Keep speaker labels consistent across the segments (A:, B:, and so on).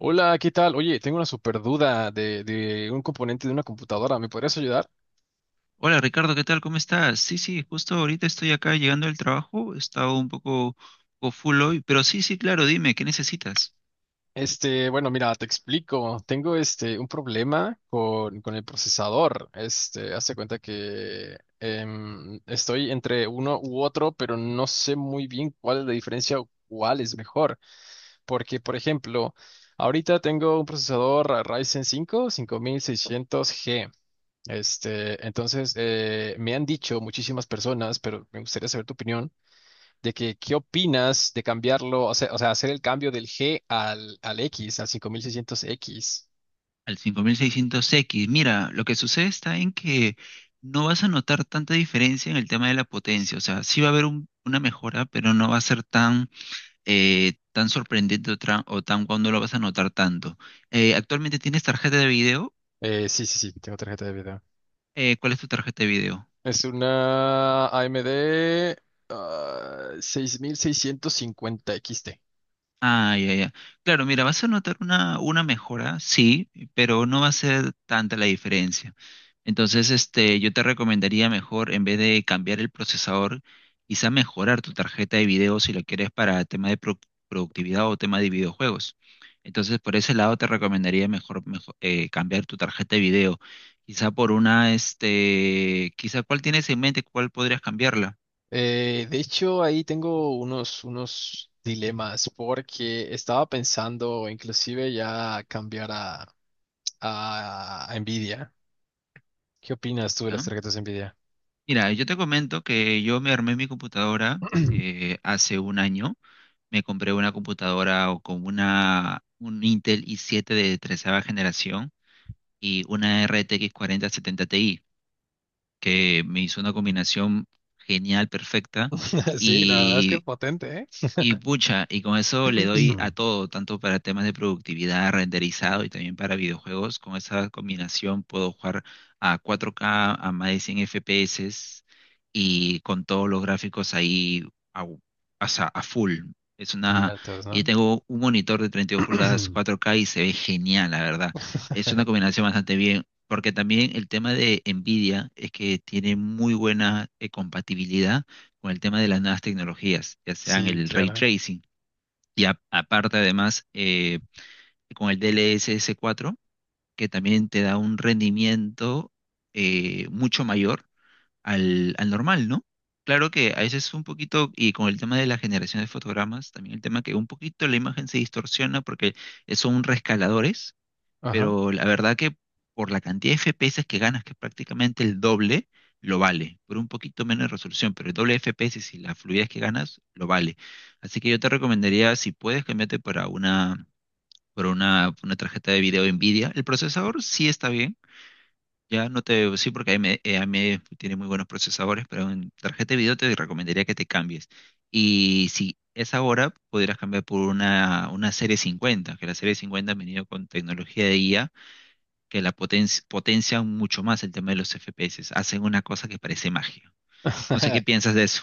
A: Hola, ¿qué tal? Oye, tengo una super duda de un componente de una computadora. ¿Me podrías ayudar?
B: Hola Ricardo, ¿qué tal? ¿Cómo estás? Sí, sí, justo ahorita estoy acá llegando del trabajo, he estado un poco full hoy, pero sí, sí, claro, dime, ¿qué necesitas?
A: Este, bueno, mira, te explico. Tengo este un problema con el procesador. Este, hazte cuenta que estoy entre uno u otro, pero no sé muy bien cuál es la diferencia o cuál es mejor. Porque, por ejemplo, ahorita tengo un procesador Ryzen cinco, cinco mil seiscientos g. Este, entonces, me han dicho muchísimas personas, pero me gustaría saber tu opinión de que qué opinas de cambiarlo, o sea, hacer el cambio del G al X, al cinco mil seiscientos x.
B: Al 5600X, mira, lo que sucede está en que no vas a notar tanta diferencia en el tema de la potencia, o sea, sí va a haber una mejora, pero no va a ser tan sorprendente o tan cuando lo vas a notar tanto. ¿Actualmente tienes tarjeta de video?
A: Sí, sí, sí, tengo tarjeta de video.
B: ¿Cuál es tu tarjeta de video?
A: Es una AMD 6650XT.
B: Ah, ya, ya. Claro, mira, vas a notar una mejora, sí, pero no va a ser tanta la diferencia. Entonces, este, yo te recomendaría mejor, en vez de cambiar el procesador, quizá mejorar tu tarjeta de video si lo quieres para tema de productividad o tema de videojuegos. Entonces, por ese lado te recomendaría mejor, cambiar tu tarjeta de video. Quizá cuál tienes en mente, cuál podrías cambiarla,
A: De hecho, ahí tengo unos dilemas porque estaba pensando inclusive ya cambiar a Nvidia. ¿Qué opinas tú de las
B: ¿ya?
A: tarjetas Nvidia?
B: Mira, yo te comento que yo me armé mi computadora hace un año. Me compré una computadora o con un Intel i7 de 13 generación y una RTX 4070 Ti, que me hizo una combinación genial, perfecta.
A: Sí, la verdad es que
B: Y
A: potente,
B: y pucha, y con eso le
A: ¿eh?
B: doy a todo, tanto para temas de productividad, renderizado y también para videojuegos. Con esa combinación puedo jugar a 4K, a más de 100 FPS y con todos los gráficos ahí, a, u- o sea, a full. Es
A: En
B: una,
A: Natos,
B: y
A: ¿no?
B: tengo un monitor de 32 pulgadas 4K y se ve genial, la verdad. Es una combinación bastante bien, porque también el tema de Nvidia es que tiene muy buena compatibilidad con el tema de las nuevas tecnologías, ya sean
A: Sí,
B: el ray
A: claro.
B: tracing y aparte además, con el D L s 4, que también te da un rendimiento mucho mayor al normal, ¿no? Claro que a veces un poquito, y con el tema de la generación de fotogramas, también el tema que un poquito la imagen se distorsiona porque son rescaladores,
A: Ajá.
B: pero la verdad que por la cantidad de FPS que ganas, que es prácticamente el doble, lo vale. Por un poquito menos de resolución, pero el doble de FPS y la fluidez que ganas, lo vale. Así que yo te recomendaría, si puedes, cambiarte para una tarjeta de video NVIDIA. El procesador sí está bien. Ya no te, Sí, porque AMD, tiene muy buenos procesadores, pero en tarjeta de video te recomendaría que te cambies. Y si es ahora, podrías cambiar por una serie 50, que la serie 50 ha venido con tecnología de IA que la potencian mucho más el tema de los FPS. Hacen una cosa que parece magia. No sé qué piensas de eso.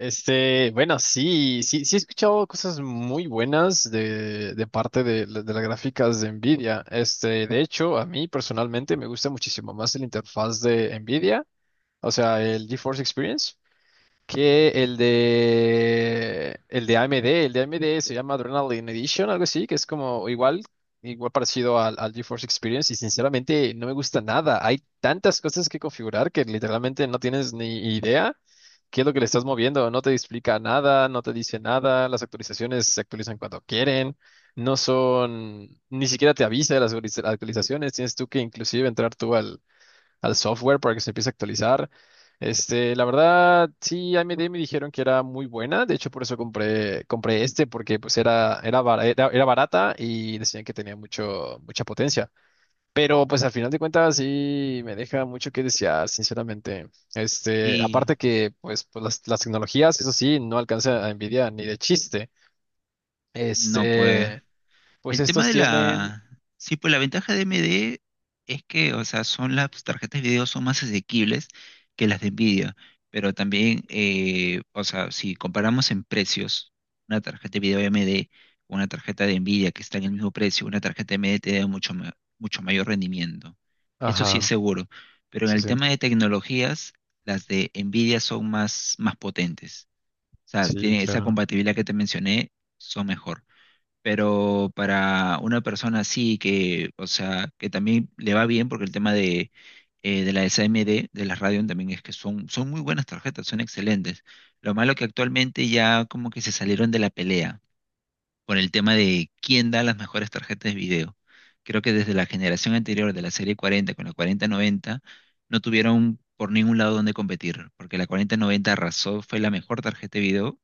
A: Este, bueno, sí, sí, sí he escuchado cosas muy buenas de parte de de las gráficas de Nvidia. Este, de hecho, a mí personalmente me gusta muchísimo más la interfaz de Nvidia, o sea, el GeForce Experience, que el de AMD. El de AMD se llama Adrenaline Edition, algo así, que es como igual, igual parecido al GeForce Experience, y sinceramente no me gusta nada. Hay tantas cosas que configurar que literalmente no tienes ni idea qué es lo que le estás moviendo, no te explica nada, no te dice nada, las actualizaciones se actualizan cuando quieren. No son, ni siquiera te avisa de las actualizaciones, tienes tú que inclusive entrar al software para que se empiece a actualizar. Este, la verdad, sí, AMD me dijeron que era muy buena, de hecho por eso compré, compré este, porque pues era, era barata y decían que tenía mucho, mucha potencia. Pero pues al final de cuentas sí me deja mucho que desear, sinceramente. Este,
B: Y
A: aparte que pues, las tecnologías, eso sí, no alcanza a Nvidia ni de chiste.
B: no, pues.
A: Este, pues
B: El tema
A: estos
B: de
A: tienen...
B: la. Sí, pues la ventaja de AMD es que, o sea, son las tarjetas de video son más asequibles que las de Nvidia, pero también, o sea, si comparamos en precios, una tarjeta de video AMD con una tarjeta de Nvidia que está en el mismo precio, una tarjeta AMD te da mucho mayor rendimiento. Eso sí es
A: Ajá,
B: seguro, pero en
A: sí,
B: el
A: sí,
B: tema de tecnologías, las de Nvidia son más, más potentes. O sea,
A: sí,
B: tiene esa
A: claro.
B: compatibilidad que te mencioné, son mejor. Pero para una persona así que, o sea, que también le va bien porque el tema de las AMD, de las Radeon también es que son muy buenas tarjetas, son excelentes. Lo malo que actualmente ya como que se salieron de la pelea por el tema de quién da las mejores tarjetas de video. Creo que desde la generación anterior de la serie 40 con la 4090 no tuvieron por ningún lado donde competir, porque la 4090 arrasó, fue la mejor tarjeta de video,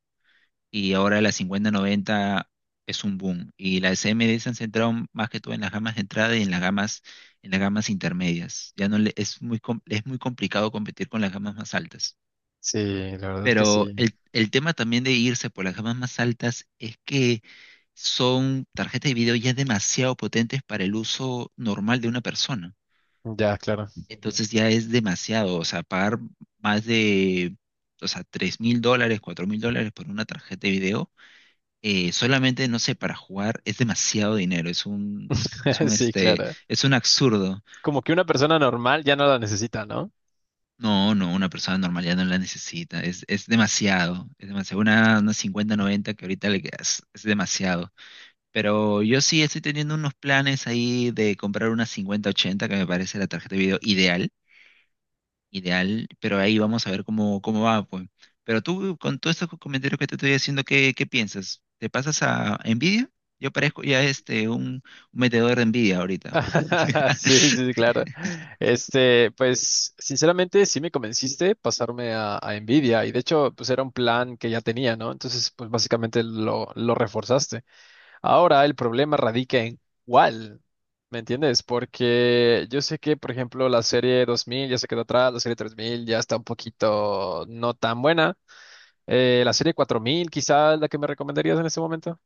B: y ahora la 5090 es un boom. Y las AMD se han centrado más que todo en las gamas de entrada y en las gamas intermedias. Ya no le- es muy, com- es muy complicado competir con las gamas más altas.
A: Sí, la verdad que
B: Pero
A: sí.
B: el tema también de irse por las gamas más altas es que son tarjetas de video ya demasiado potentes para el uso normal de una persona.
A: Ya, claro.
B: Entonces ya es demasiado, o sea, pagar más de, o sea, $3,000, $4,000 por una tarjeta de video solamente, no sé, para jugar es demasiado dinero, es un,
A: Sí,
B: este,
A: claro.
B: es un absurdo.
A: Como que una persona normal ya no la necesita, ¿no?
B: No, no, una persona normal ya no la necesita, es, demasiado, es demasiado. Una 5090 que ahorita le quedas, es demasiado. Pero yo sí estoy teniendo unos planes ahí de comprar una 5080 que me parece la tarjeta de video ideal. Ideal, pero ahí vamos a ver cómo va, pues. Pero tú, con todos estos comentarios que te estoy haciendo, ¿qué piensas? ¿Te pasas a Nvidia? Yo parezco ya un metedor de Nvidia ahorita.
A: Sí, sí, sí, claro. Este, pues, sinceramente, sí me convenciste pasarme a Nvidia, y de hecho, pues era un plan que ya tenía, ¿no? Entonces, pues básicamente lo reforzaste. Ahora el problema radica en cuál, ¿me entiendes? Porque yo sé que, por ejemplo, la serie 2000 ya se quedó atrás, la serie 3000 ya está un poquito no tan buena. La serie 4000 quizás la que me recomendarías en este momento.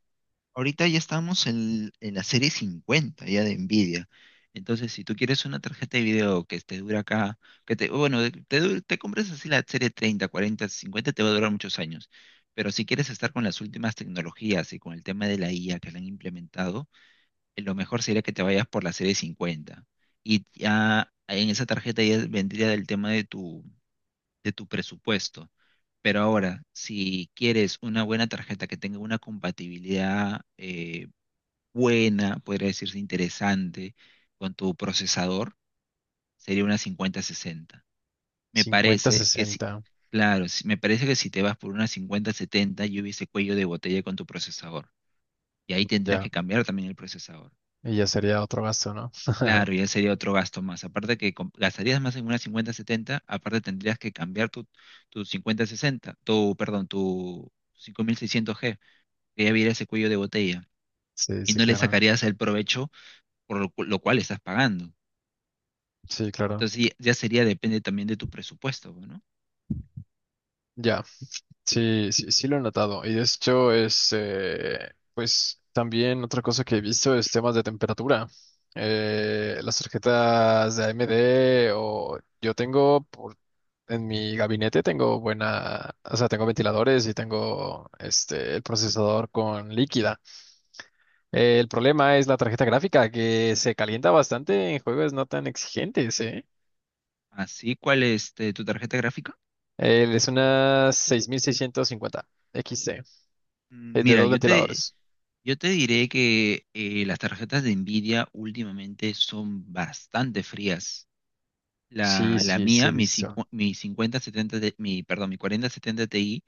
B: Ahorita ya estamos en la serie 50 ya de Nvidia. Entonces, si tú quieres una tarjeta de video que te dure acá, que te, bueno, de- te, dure- te compres así la serie 30, 40, 50, te va a durar muchos años. Pero si quieres estar con las últimas tecnologías y con el tema de la IA que la han implementado, lo mejor sería que te vayas por la serie 50. Y ya en esa tarjeta ya vendría el tema de tu presupuesto. Pero ahora, si quieres una buena tarjeta que tenga una compatibilidad buena, podría decirse interesante, con tu procesador, sería una 5060. Me
A: Cincuenta
B: parece que si,
A: 60
B: claro, me parece que si te vas por una 5070, yo hubiese cuello de botella con tu procesador. Y ahí tendrías
A: ya.
B: que cambiar también el procesador.
A: Y ya sería otro gasto, ¿no?
B: Claro, y ese sería otro gasto más. Aparte que gastarías más en una 5070, aparte tendrías que cambiar tu 5060, tu 5600G, que ya viera ese cuello de botella,
A: Sí,
B: y
A: sí,
B: no le
A: claro.
B: sacarías el provecho por lo cual estás pagando.
A: Sí, claro.
B: Entonces ya sería, depende también de tu presupuesto, ¿no?
A: Ya. Sí, sí, sí lo he notado. Y de hecho es, pues también otra cosa que he visto es temas de temperatura. Las tarjetas de AMD o yo tengo por- en mi gabinete tengo buena, o sea, tengo ventiladores y tengo este el procesador con líquida. El problema es la tarjeta gráfica, que se calienta bastante en juegos no tan exigentes, ¿eh?
B: Así, ¿cuál es tu tarjeta gráfica?
A: Es una 6650 XT, es de
B: Mira,
A: dos
B: yo te,
A: ventiladores.
B: yo te diré que las tarjetas de Nvidia últimamente son bastante frías.
A: Sí,
B: La
A: sí, sí
B: mía,
A: he visto.
B: mi 5070, mi 4070 Ti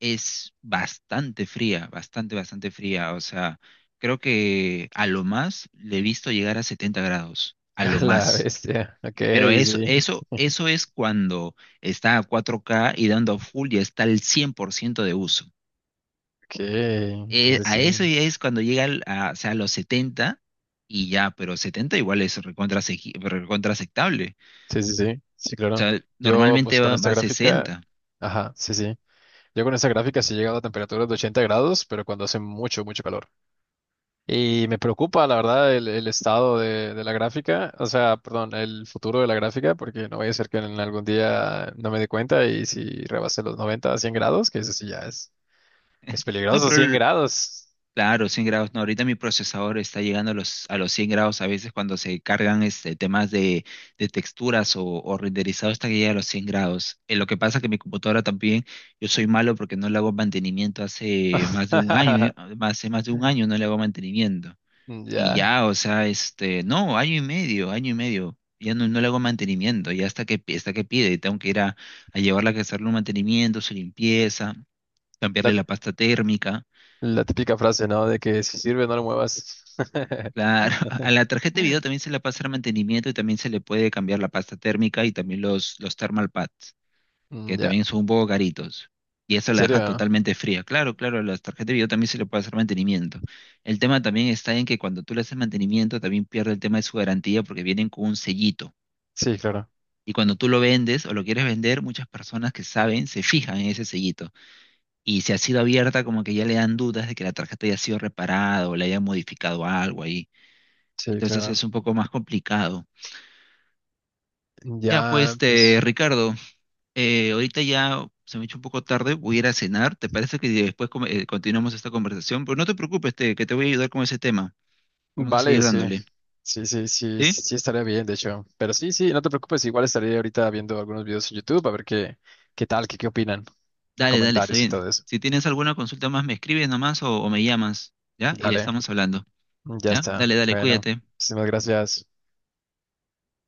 B: es bastante fría, bastante, bastante fría. O sea, creo que a lo más le he visto llegar a 70 grados, a
A: A
B: lo
A: la
B: más.
A: bestia. Ok,
B: Pero eso,
A: sí.
B: eso, eso es cuando está a 4K y dando full ya está al 100% de uso.
A: Ok, entonces
B: A
A: sí.
B: eso ya es cuando llega a los 70 y ya, pero 70 igual es recontra aceptable.
A: Sí, sí, sí. Sí,
B: O
A: claro.
B: sea,
A: Yo, pues
B: normalmente
A: con
B: va,
A: esta
B: va a
A: gráfica.
B: 60.
A: Ajá, sí, sí. Yo con esta gráfica sí he llegado a temperaturas de 80 grados, pero cuando hace mucho, mucho calor. Y me preocupa, la verdad, el estado de la gráfica, o sea, perdón, el futuro de la gráfica, porque no vaya a ser que en algún día no me dé cuenta y si rebase los 90 a 100 grados, que eso sí ya es
B: No,
A: peligroso,
B: pero
A: 100 grados.
B: claro, 100 grados. No, ahorita mi procesador está llegando a los 100 grados a veces cuando se cargan este, temas de texturas o renderizado hasta que llega a los 100 grados. Lo que pasa que mi computadora también, yo soy malo porque no le hago mantenimiento hace más de un año, ¿eh? Hace más de un año no le hago mantenimiento. Y
A: Ya,
B: ya, o sea, no, año y medio, año y medio. Ya no, no le hago mantenimiento, ya hasta que pide, tengo que ir a llevarla a que hacerle un mantenimiento, su limpieza,
A: la,
B: cambiarle la pasta térmica.
A: la típica frase, ¿no? De que si sirve, no lo muevas.
B: Claro, a la tarjeta de video también se le puede hacer mantenimiento y también se le puede cambiar la pasta térmica y también los thermal pads, que
A: Mm, ya,
B: también son un poco caritos. Y eso
A: ¿en
B: la deja
A: serio?
B: totalmente fría. Claro, claro, a las tarjetas de video también se le puede hacer mantenimiento. El tema también está en que cuando tú le haces mantenimiento también pierde el tema de su garantía porque vienen con un sellito.
A: Sí, claro,
B: Y cuando tú lo vendes o lo quieres vender, muchas personas que saben se fijan en ese sellito. Y si ha sido abierta, como que ya le dan dudas de que la tarjeta haya sido reparada o le haya modificado algo ahí.
A: sí,
B: Entonces
A: claro.
B: es un poco más complicado. Ya, pues,
A: Ya, pues.
B: Ricardo, ahorita ya se me ha hecho un poco tarde, voy a ir a cenar. ¿Te parece que después continuamos esta conversación? Pero no te preocupes, que te voy a ayudar con ese tema. Vamos a
A: Vale,
B: seguir
A: sí.
B: dándole.
A: Sí, sí, sí,
B: ¿Sí?
A: sí estaría bien, de hecho. Pero sí, sí, no te preocupes, igual estaría ahorita viendo algunos videos en YouTube a ver qué, qué tal, qué, qué opinan,
B: Dale, dale, está
A: comentarios y
B: bien.
A: todo eso.
B: Si tienes alguna consulta más, me escribes nomás o me llamas, ¿ya? Y
A: Dale,
B: estamos hablando,
A: ya
B: ¿ya?
A: está.
B: Dale, dale,
A: Bueno,
B: cuídate.
A: muchísimas gracias.